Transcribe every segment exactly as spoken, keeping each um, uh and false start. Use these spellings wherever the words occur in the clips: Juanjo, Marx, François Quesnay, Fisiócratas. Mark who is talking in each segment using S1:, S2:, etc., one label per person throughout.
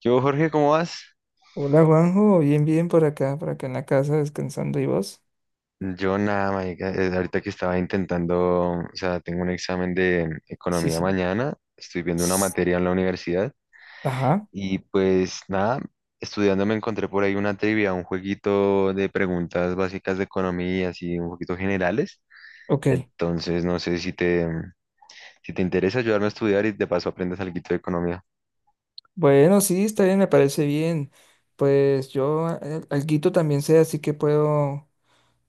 S1: Yo, Jorge, ¿cómo vas?
S2: Hola Juanjo, bien, bien por acá, por acá en la casa descansando y vos.
S1: Yo nada, marica, eh, ahorita que estaba intentando, o sea, tengo un examen de
S2: Sí,
S1: economía
S2: sí.
S1: mañana, estoy viendo una
S2: S-
S1: materia en la universidad
S2: Ajá,
S1: y pues nada, estudiando me encontré por ahí una trivia, un jueguito de preguntas básicas de economía, así un poquito generales.
S2: OK.
S1: Entonces, no sé si te, si te interesa ayudarme a estudiar y de paso aprendes algo de economía.
S2: Bueno, sí, está bien, me parece bien. Pues yo al- alguito también sé, así que puedo,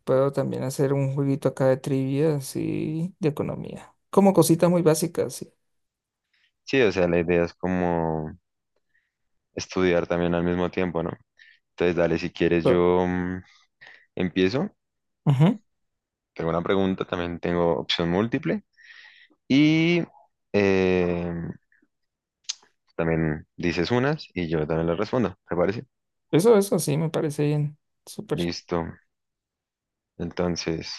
S2: puedo también hacer un jueguito acá de trivia, sí, de economía. Como cositas muy básicas, sí.
S1: Sí, o sea, la idea es como estudiar también al mismo tiempo, ¿no? Entonces, dale, si quieres,
S2: So,
S1: yo mm, empiezo.
S2: Ujú.
S1: Tengo una pregunta, también tengo opción múltiple y eh, también dices unas y yo también las respondo, ¿te parece?
S2: Eso, eso, sí, me parece bien. Súper.
S1: Listo. Entonces,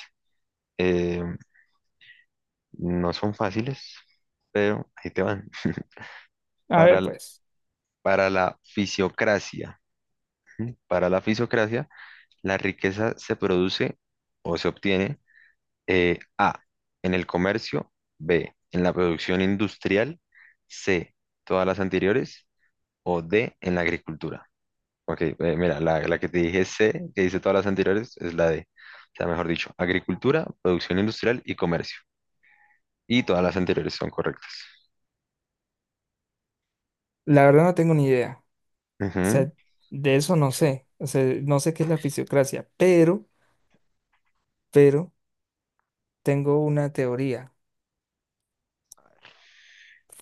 S1: eh, no son fáciles, pero ahí te van.
S2: A
S1: Para,
S2: ver,
S1: l-
S2: pues,
S1: para la fisiocracia, ¿sí? Para la fisiocracia, la riqueza se produce o se obtiene, eh, A, en el comercio; B, en la producción industrial; C, todas las anteriores; o D, en la agricultura. Ok, eh, mira, la, la que te dije C, que dice todas las anteriores, es la D. O sea, mejor dicho, agricultura, producción industrial y comercio. Y todas las anteriores son correctas.
S2: la verdad no tengo ni idea. O
S1: Ujú.
S2: sea, de eso no sé. O sea, no sé qué es la fisiocracia, pero, pero. Tengo una teoría.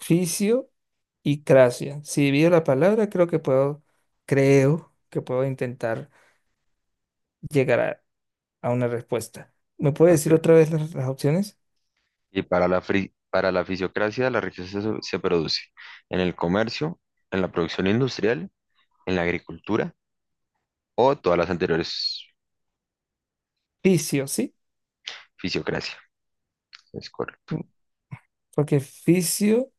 S2: Fisio y cracia. Si divido la palabra, creo que puedo, creo que puedo intentar llegar a, a una respuesta. ¿Me puede decir
S1: Ok.
S2: otra vez las, las opciones?
S1: Y para la, fri- para la fisiocracia, la riqueza se, se produce en el comercio, en la producción industrial, en la agricultura o todas las anteriores.
S2: Fisio, ¿sí?
S1: Fisiocracia. Es correcto.
S2: Mm, Porque fisio,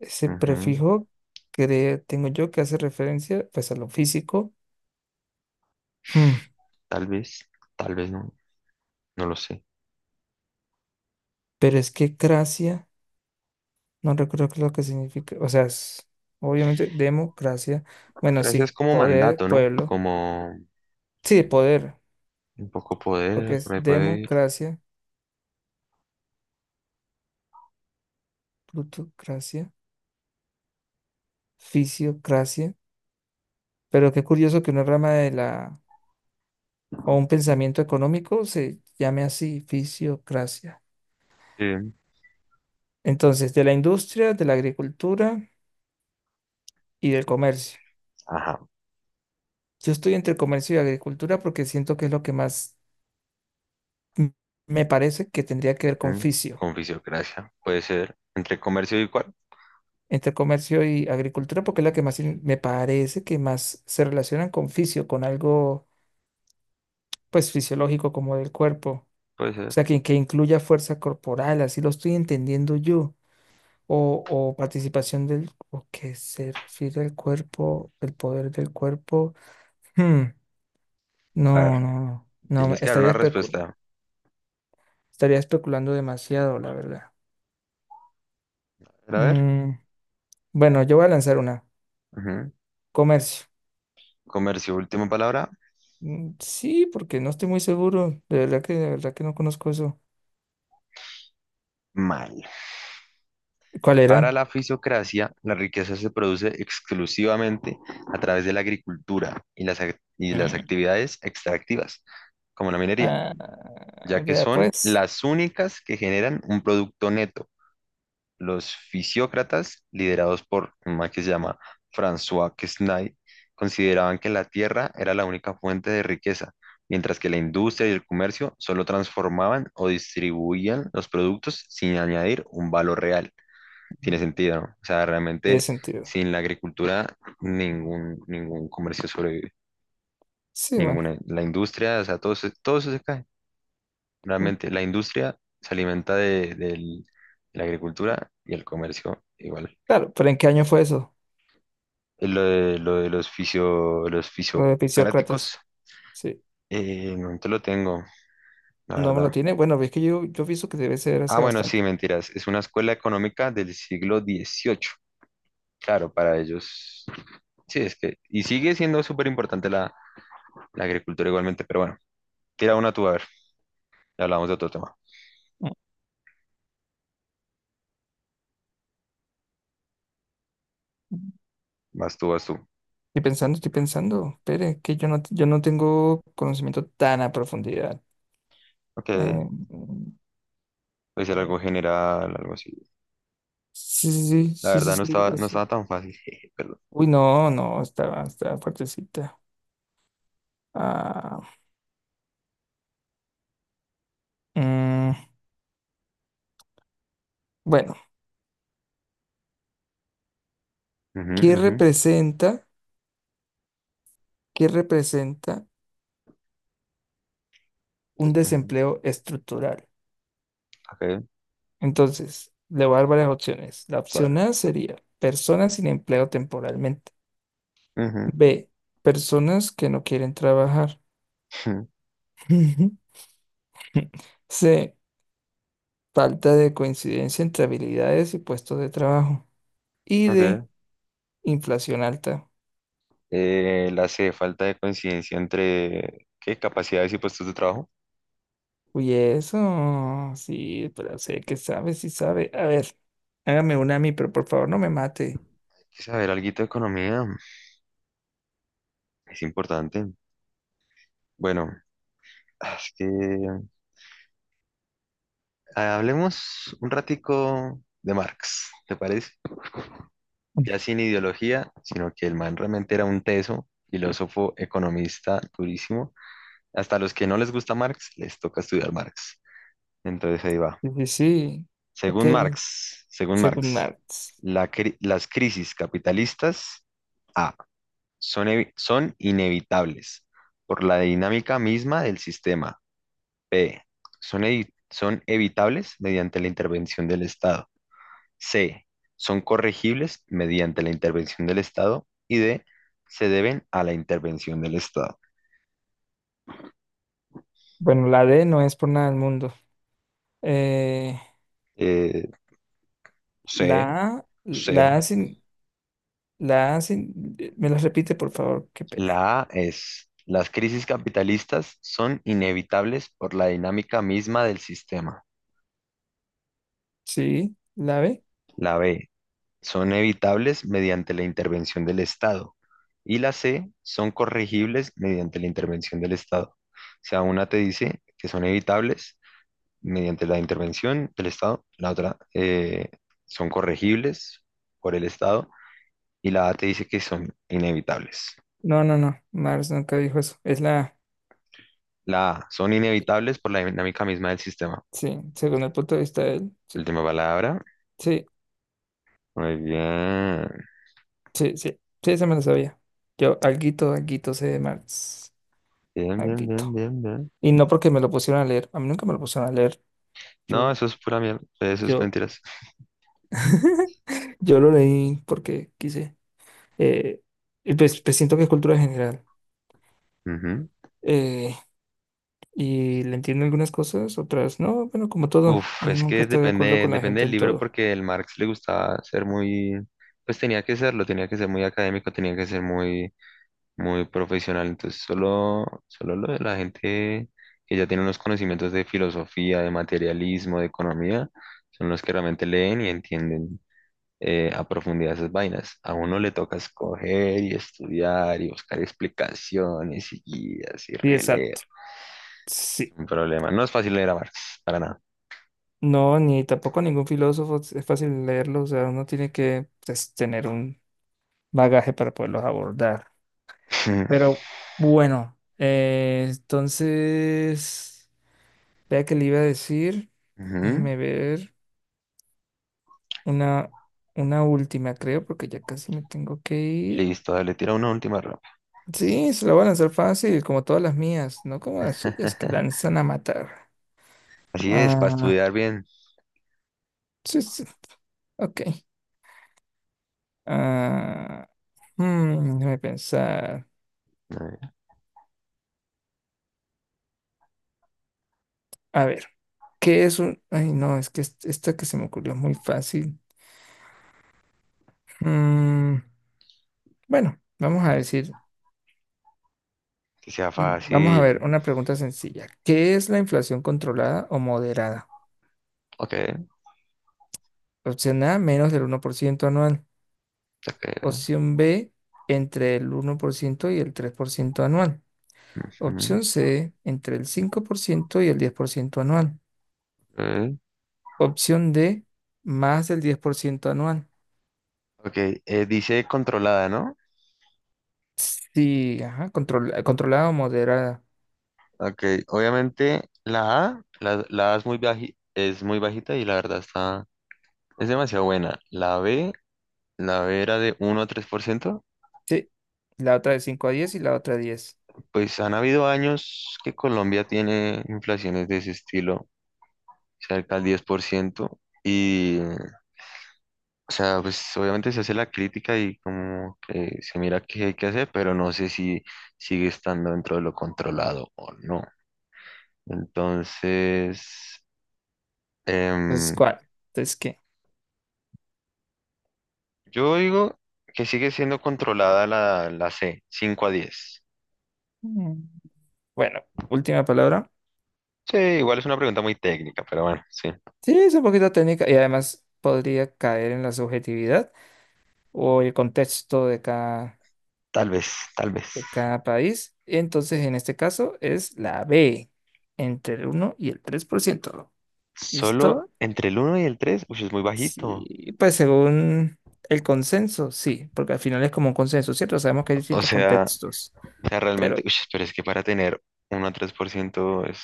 S2: ese
S1: Ujú.
S2: prefijo que tengo yo que hace referencia pues a lo físico. Hmm,
S1: Tal vez, tal vez no, no lo sé.
S2: Pero es que cracia, no recuerdo qué es lo que significa. O sea, es- obviamente democracia. Bueno,
S1: Gracias
S2: sí,
S1: como
S2: poder,
S1: mandato, ¿no?
S2: pueblo.
S1: Como
S2: Sí, poder.
S1: un poco
S2: Lo que
S1: poder, por ahí
S2: es
S1: puede ir.
S2: democracia, plutocracia, fisiocracia. Pero qué curioso que una rama de la o un pensamiento económico se llame así, fisiocracia.
S1: Sí.
S2: Entonces, de la industria, de la agricultura y del comercio.
S1: Ajá.
S2: Yo estoy entre comercio y agricultura porque siento que es lo que más m- me parece que tendría que ver con
S1: Mm,
S2: fisio.
S1: Con fisiocracia, puede ser. Entre comercio y cuál,
S2: Entre comercio y agricultura porque es la que más in- me parece que más se relacionan con fisio, con algo pues fisiológico como del cuerpo.
S1: puede
S2: O
S1: ser.
S2: sea, que, que incluya fuerza corporal, así lo estoy entendiendo yo. O, o participación del, o que se refiere al cuerpo, el poder del cuerpo. Hmm,
S1: A
S2: No,
S1: ver,
S2: no, no. No, me-
S1: tienes que dar
S2: estaría
S1: una
S2: especu-
S1: respuesta.
S2: estaría especulando demasiado, la verdad.
S1: A ver.
S2: Mm, bueno, yo voy a lanzar una.
S1: Ujú.
S2: Comercio.
S1: Comercio, última palabra.
S2: Mm, sí, porque no estoy muy seguro. De verdad que, de verdad que no conozco eso.
S1: Mal.
S2: ¿Cuál
S1: Para
S2: era?
S1: la fisiocracia, la riqueza se produce exclusivamente a través de la agricultura y las, ac- y las
S2: Mm,
S1: actividades extractivas, como la minería,
S2: ah,
S1: ya que
S2: vea,
S1: son
S2: pues,
S1: las únicas que generan un producto neto. Los fisiócratas, liderados por un man que se llama François Quesnay, consideraban que la tierra era la única fuente de riqueza, mientras que la industria y el comercio solo transformaban o distribuían los productos sin añadir un valor real. Tiene sentido, ¿no? O sea,
S2: tiene
S1: realmente
S2: sentido.
S1: sin la agricultura ningún, ningún comercio sobrevive,
S2: Sí, bueno.
S1: ninguna, la industria, o sea, todo, se- todo eso se cae.
S2: Mm,
S1: Realmente la industria se alimenta de, del- de la agricultura y el comercio igual.
S2: claro, pero ¿en qué año fue eso?
S1: eh, Lo de, lo de los fisio, los
S2: Lo de Fisiócratas.
S1: fisiocaráticos,
S2: Sí.
S1: eh, no te lo tengo, la
S2: No me
S1: verdad.
S2: lo tiene. Bueno, es que yo, yo pienso que debe ser
S1: Ah,
S2: hace
S1: bueno, sí,
S2: bastante.
S1: mentiras. Es una escuela económica del siglo dieciocho. Claro, para ellos. Sí, es que. Y sigue siendo súper importante la, la agricultura igualmente, pero bueno, tira una tú a ver. Ya hablamos de otro tema.
S2: Mm.
S1: Vas tú, vas tú.
S2: Estoy pensando, estoy pensando. Espere, que yo no, yo no tengo conocimiento tan a profundidad.
S1: Ok,
S2: Eh, mm,
S1: puede ser algo general, algo así.
S2: sí, sí,
S1: La
S2: sí, sí, sí,
S1: verdad no
S2: sí,
S1: estaba, no
S2: eso.
S1: estaba tan fácil. Jeje, perdón.
S2: Uy, no, no, estaba, estaba fuertecita. Ah, mm, bueno,
S1: Ujú,
S2: ¿qué
S1: ujú,
S2: representa, qué representa un
S1: ujú.
S2: desempleo estructural?
S1: Ok,
S2: Entonces, le voy a dar varias opciones. La
S1: vale.
S2: opción A sería personas sin empleo temporalmente.
S1: Ujú.
S2: B, personas que no quieren trabajar.
S1: Ujú.
S2: C, falta de coincidencia entre habilidades y puestos de trabajo. Y D,
S1: Ok.
S2: inflación alta.
S1: Eh, la C, falta de coincidencia entre qué capacidades y puestos de trabajo.
S2: Uy, eso, sí, pero sé que sabe, sí sabe. A ver, hágame una a mí, pero por favor no me mate.
S1: Hay que saber algo de economía, es importante. Bueno, es que ah, hablemos un ratico de Marx, ¿te parece? Ya sin ideología, sino que el man realmente era un teso, filósofo, economista, durísimo. Hasta a los que no les gusta Marx, les toca estudiar Marx. Entonces ahí va.
S2: Sí, sí, sí. OK,
S1: Según Marx, según
S2: según
S1: Marx,
S2: Marx.
S1: la cri- las crisis capitalistas... A, son, evi- son inevitables por la dinámica misma del sistema. B, Son, evi- son evitables mediante la intervención del Estado. C, son corregibles mediante la intervención del Estado. Y D, se deben a la intervención del Estado.
S2: Bueno, la D no es por nada del mundo. Eh,
S1: Eh, C.
S2: La A,
S1: C.
S2: la A sin, la A sin, eh, me las repite, por favor, qué pena.
S1: La A es, las crisis capitalistas son inevitables por la dinámica misma del sistema.
S2: Sí, la B.
S1: La B, son evitables mediante la intervención del Estado. Y la C, son corregibles mediante la intervención del Estado. O sea, una te dice que son evitables mediante la intervención del Estado, la otra eh, son corregibles por el Estado, y la A te dice que son inevitables.
S2: No, no, no, Mars nunca dijo eso. Es la A.
S1: La A, son inevitables por la dinámica misma del sistema.
S2: Sí, según el punto de vista de él. Sí,
S1: Última palabra.
S2: sí,
S1: Muy bien.
S2: sí, sí, sí, esa me lo sabía. Yo, alguito, alguito sé de Marx.
S1: Bien, bien, bien,
S2: Alguito.
S1: bien, bien.
S2: Y no porque me lo pusieron a leer. A mí nunca me lo pusieron a leer.
S1: No,
S2: Yo,
S1: eso es pura mierda. Eso es
S2: yo,
S1: mentiras.
S2: yo lo leí porque quise. Eh, y pues, pues siento que es cultura general.
S1: Ujú.
S2: Eh, y le entiendo algunas cosas, otras no, bueno, como todo,
S1: Uf, es
S2: nunca
S1: que
S2: estoy de acuerdo
S1: depende,
S2: con la
S1: depende
S2: gente
S1: del
S2: en
S1: libro
S2: todo.
S1: porque el Marx le gustaba ser muy, pues tenía que serlo, tenía que ser muy académico, tenía que ser muy, muy profesional. Entonces solo, solo lo de la gente que ya tiene unos conocimientos de filosofía, de materialismo, de economía, son los que realmente leen y entienden eh, a profundidad esas vainas. A uno le toca escoger y estudiar y buscar explicaciones y guías y
S2: Sí,
S1: releer.
S2: exacto.
S1: Es
S2: Sí.
S1: un problema. No es fácil leer a Marx, para nada.
S2: No, ni tampoco ningún filósofo es es fácil leerlo, o sea, uno tiene que pues, tener un bagaje para poderlos abordar. Pero bueno, eh, entonces, vea que le iba a decir,
S1: Ujú.
S2: déjeme ver una, una última, creo, porque ya casi me tengo que ir.
S1: Listo, dale, tira una última rapa.
S2: Sí, se lo van a hacer fácil, como todas las mías, no como las suyas que lanzan a matar.
S1: Así es, para
S2: Ah,
S1: estudiar bien,
S2: sí, sí, OK. Ah, hmm, déjame pensar.
S1: eh,
S2: A ver. ¿Qué es un...? Ay, no, es que est- esta que se me ocurrió es muy fácil. Mm, bueno, vamos a decir,
S1: que sea
S2: mm, vamos a ver,
S1: fácil.
S2: una pregunta sencilla. ¿Qué es la inflación controlada o moderada?
S1: Ok,
S2: Opción A, menos del uno por ciento anual.
S1: ok.
S2: Opción B, entre el uno por ciento y el tres por ciento anual.
S1: Ujú.
S2: Opción C, entre el cinco por ciento y el diez por ciento anual.
S1: Ok.
S2: Opción D, más del diez por ciento anual.
S1: Ok, eh, dice controlada, ¿no?
S2: Sí, ajá, control- eh, controlada o moderada.
S1: Ok, obviamente la A, la, la A es muy baji- es muy bajita y la verdad está, es demasiado buena. La B, la B era de uno a tres por ciento.
S2: Sí, la otra de cinco a diez y la otra de diez.
S1: Pues han habido años que Colombia tiene inflaciones de ese estilo, cerca al diez por ciento. Y o sea, pues obviamente se hace la crítica y como que se mira qué hay que hacer, pero no sé si sigue estando dentro de lo controlado o no. Entonces,
S2: Entonces,
S1: em,
S2: ¿cuál? Entonces, ¿qué?
S1: yo digo que sigue siendo controlada la, la C, cinco a diez.
S2: Mm. Bueno, última palabra.
S1: Sí, igual es una pregunta muy técnica, pero bueno, sí.
S2: Sí, es un poquito técnica y además podría caer en la subjetividad o el contexto de cada,
S1: Tal vez, tal vez.
S2: de cada país. Entonces, en este caso es la B, entre el uno y el tres por ciento.
S1: Solo
S2: ¿Listo?
S1: entre el uno y el tres, uy, es muy bajito.
S2: Sí, pues según el consenso, sí, porque al final es como un consenso, ¿cierto? Sabemos que hay
S1: O
S2: distintos
S1: sea,
S2: contextos,
S1: o sea, realmente,
S2: pero
S1: uy, pero es que para tener uno a tres por ciento es,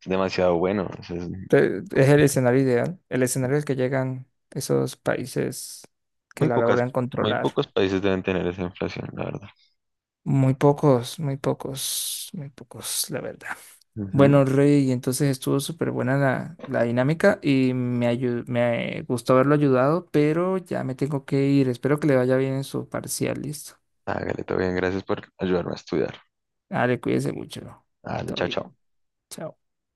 S1: es demasiado bueno. O sea, es
S2: te- es el escenario ideal, el escenario al que llegan esos países que
S1: Muy
S2: la
S1: pocas,
S2: logran
S1: muy
S2: controlar.
S1: pocos países deben tener esa inflación, la verdad.
S2: Muy pocos, muy pocos, muy pocos, la verdad.
S1: Ujú.
S2: Bueno, Rey, entonces estuvo súper buena la, la dinámica y me, ayu- me gustó haberlo ayudado, pero ya me tengo que ir. Espero que le vaya bien en su parcial, listo.
S1: Hágale, todo bien, gracias por ayudarme a estudiar.
S2: Dale, cuídese mucho.
S1: Dale,
S2: Todo
S1: chao, chao.
S2: bien. Chao.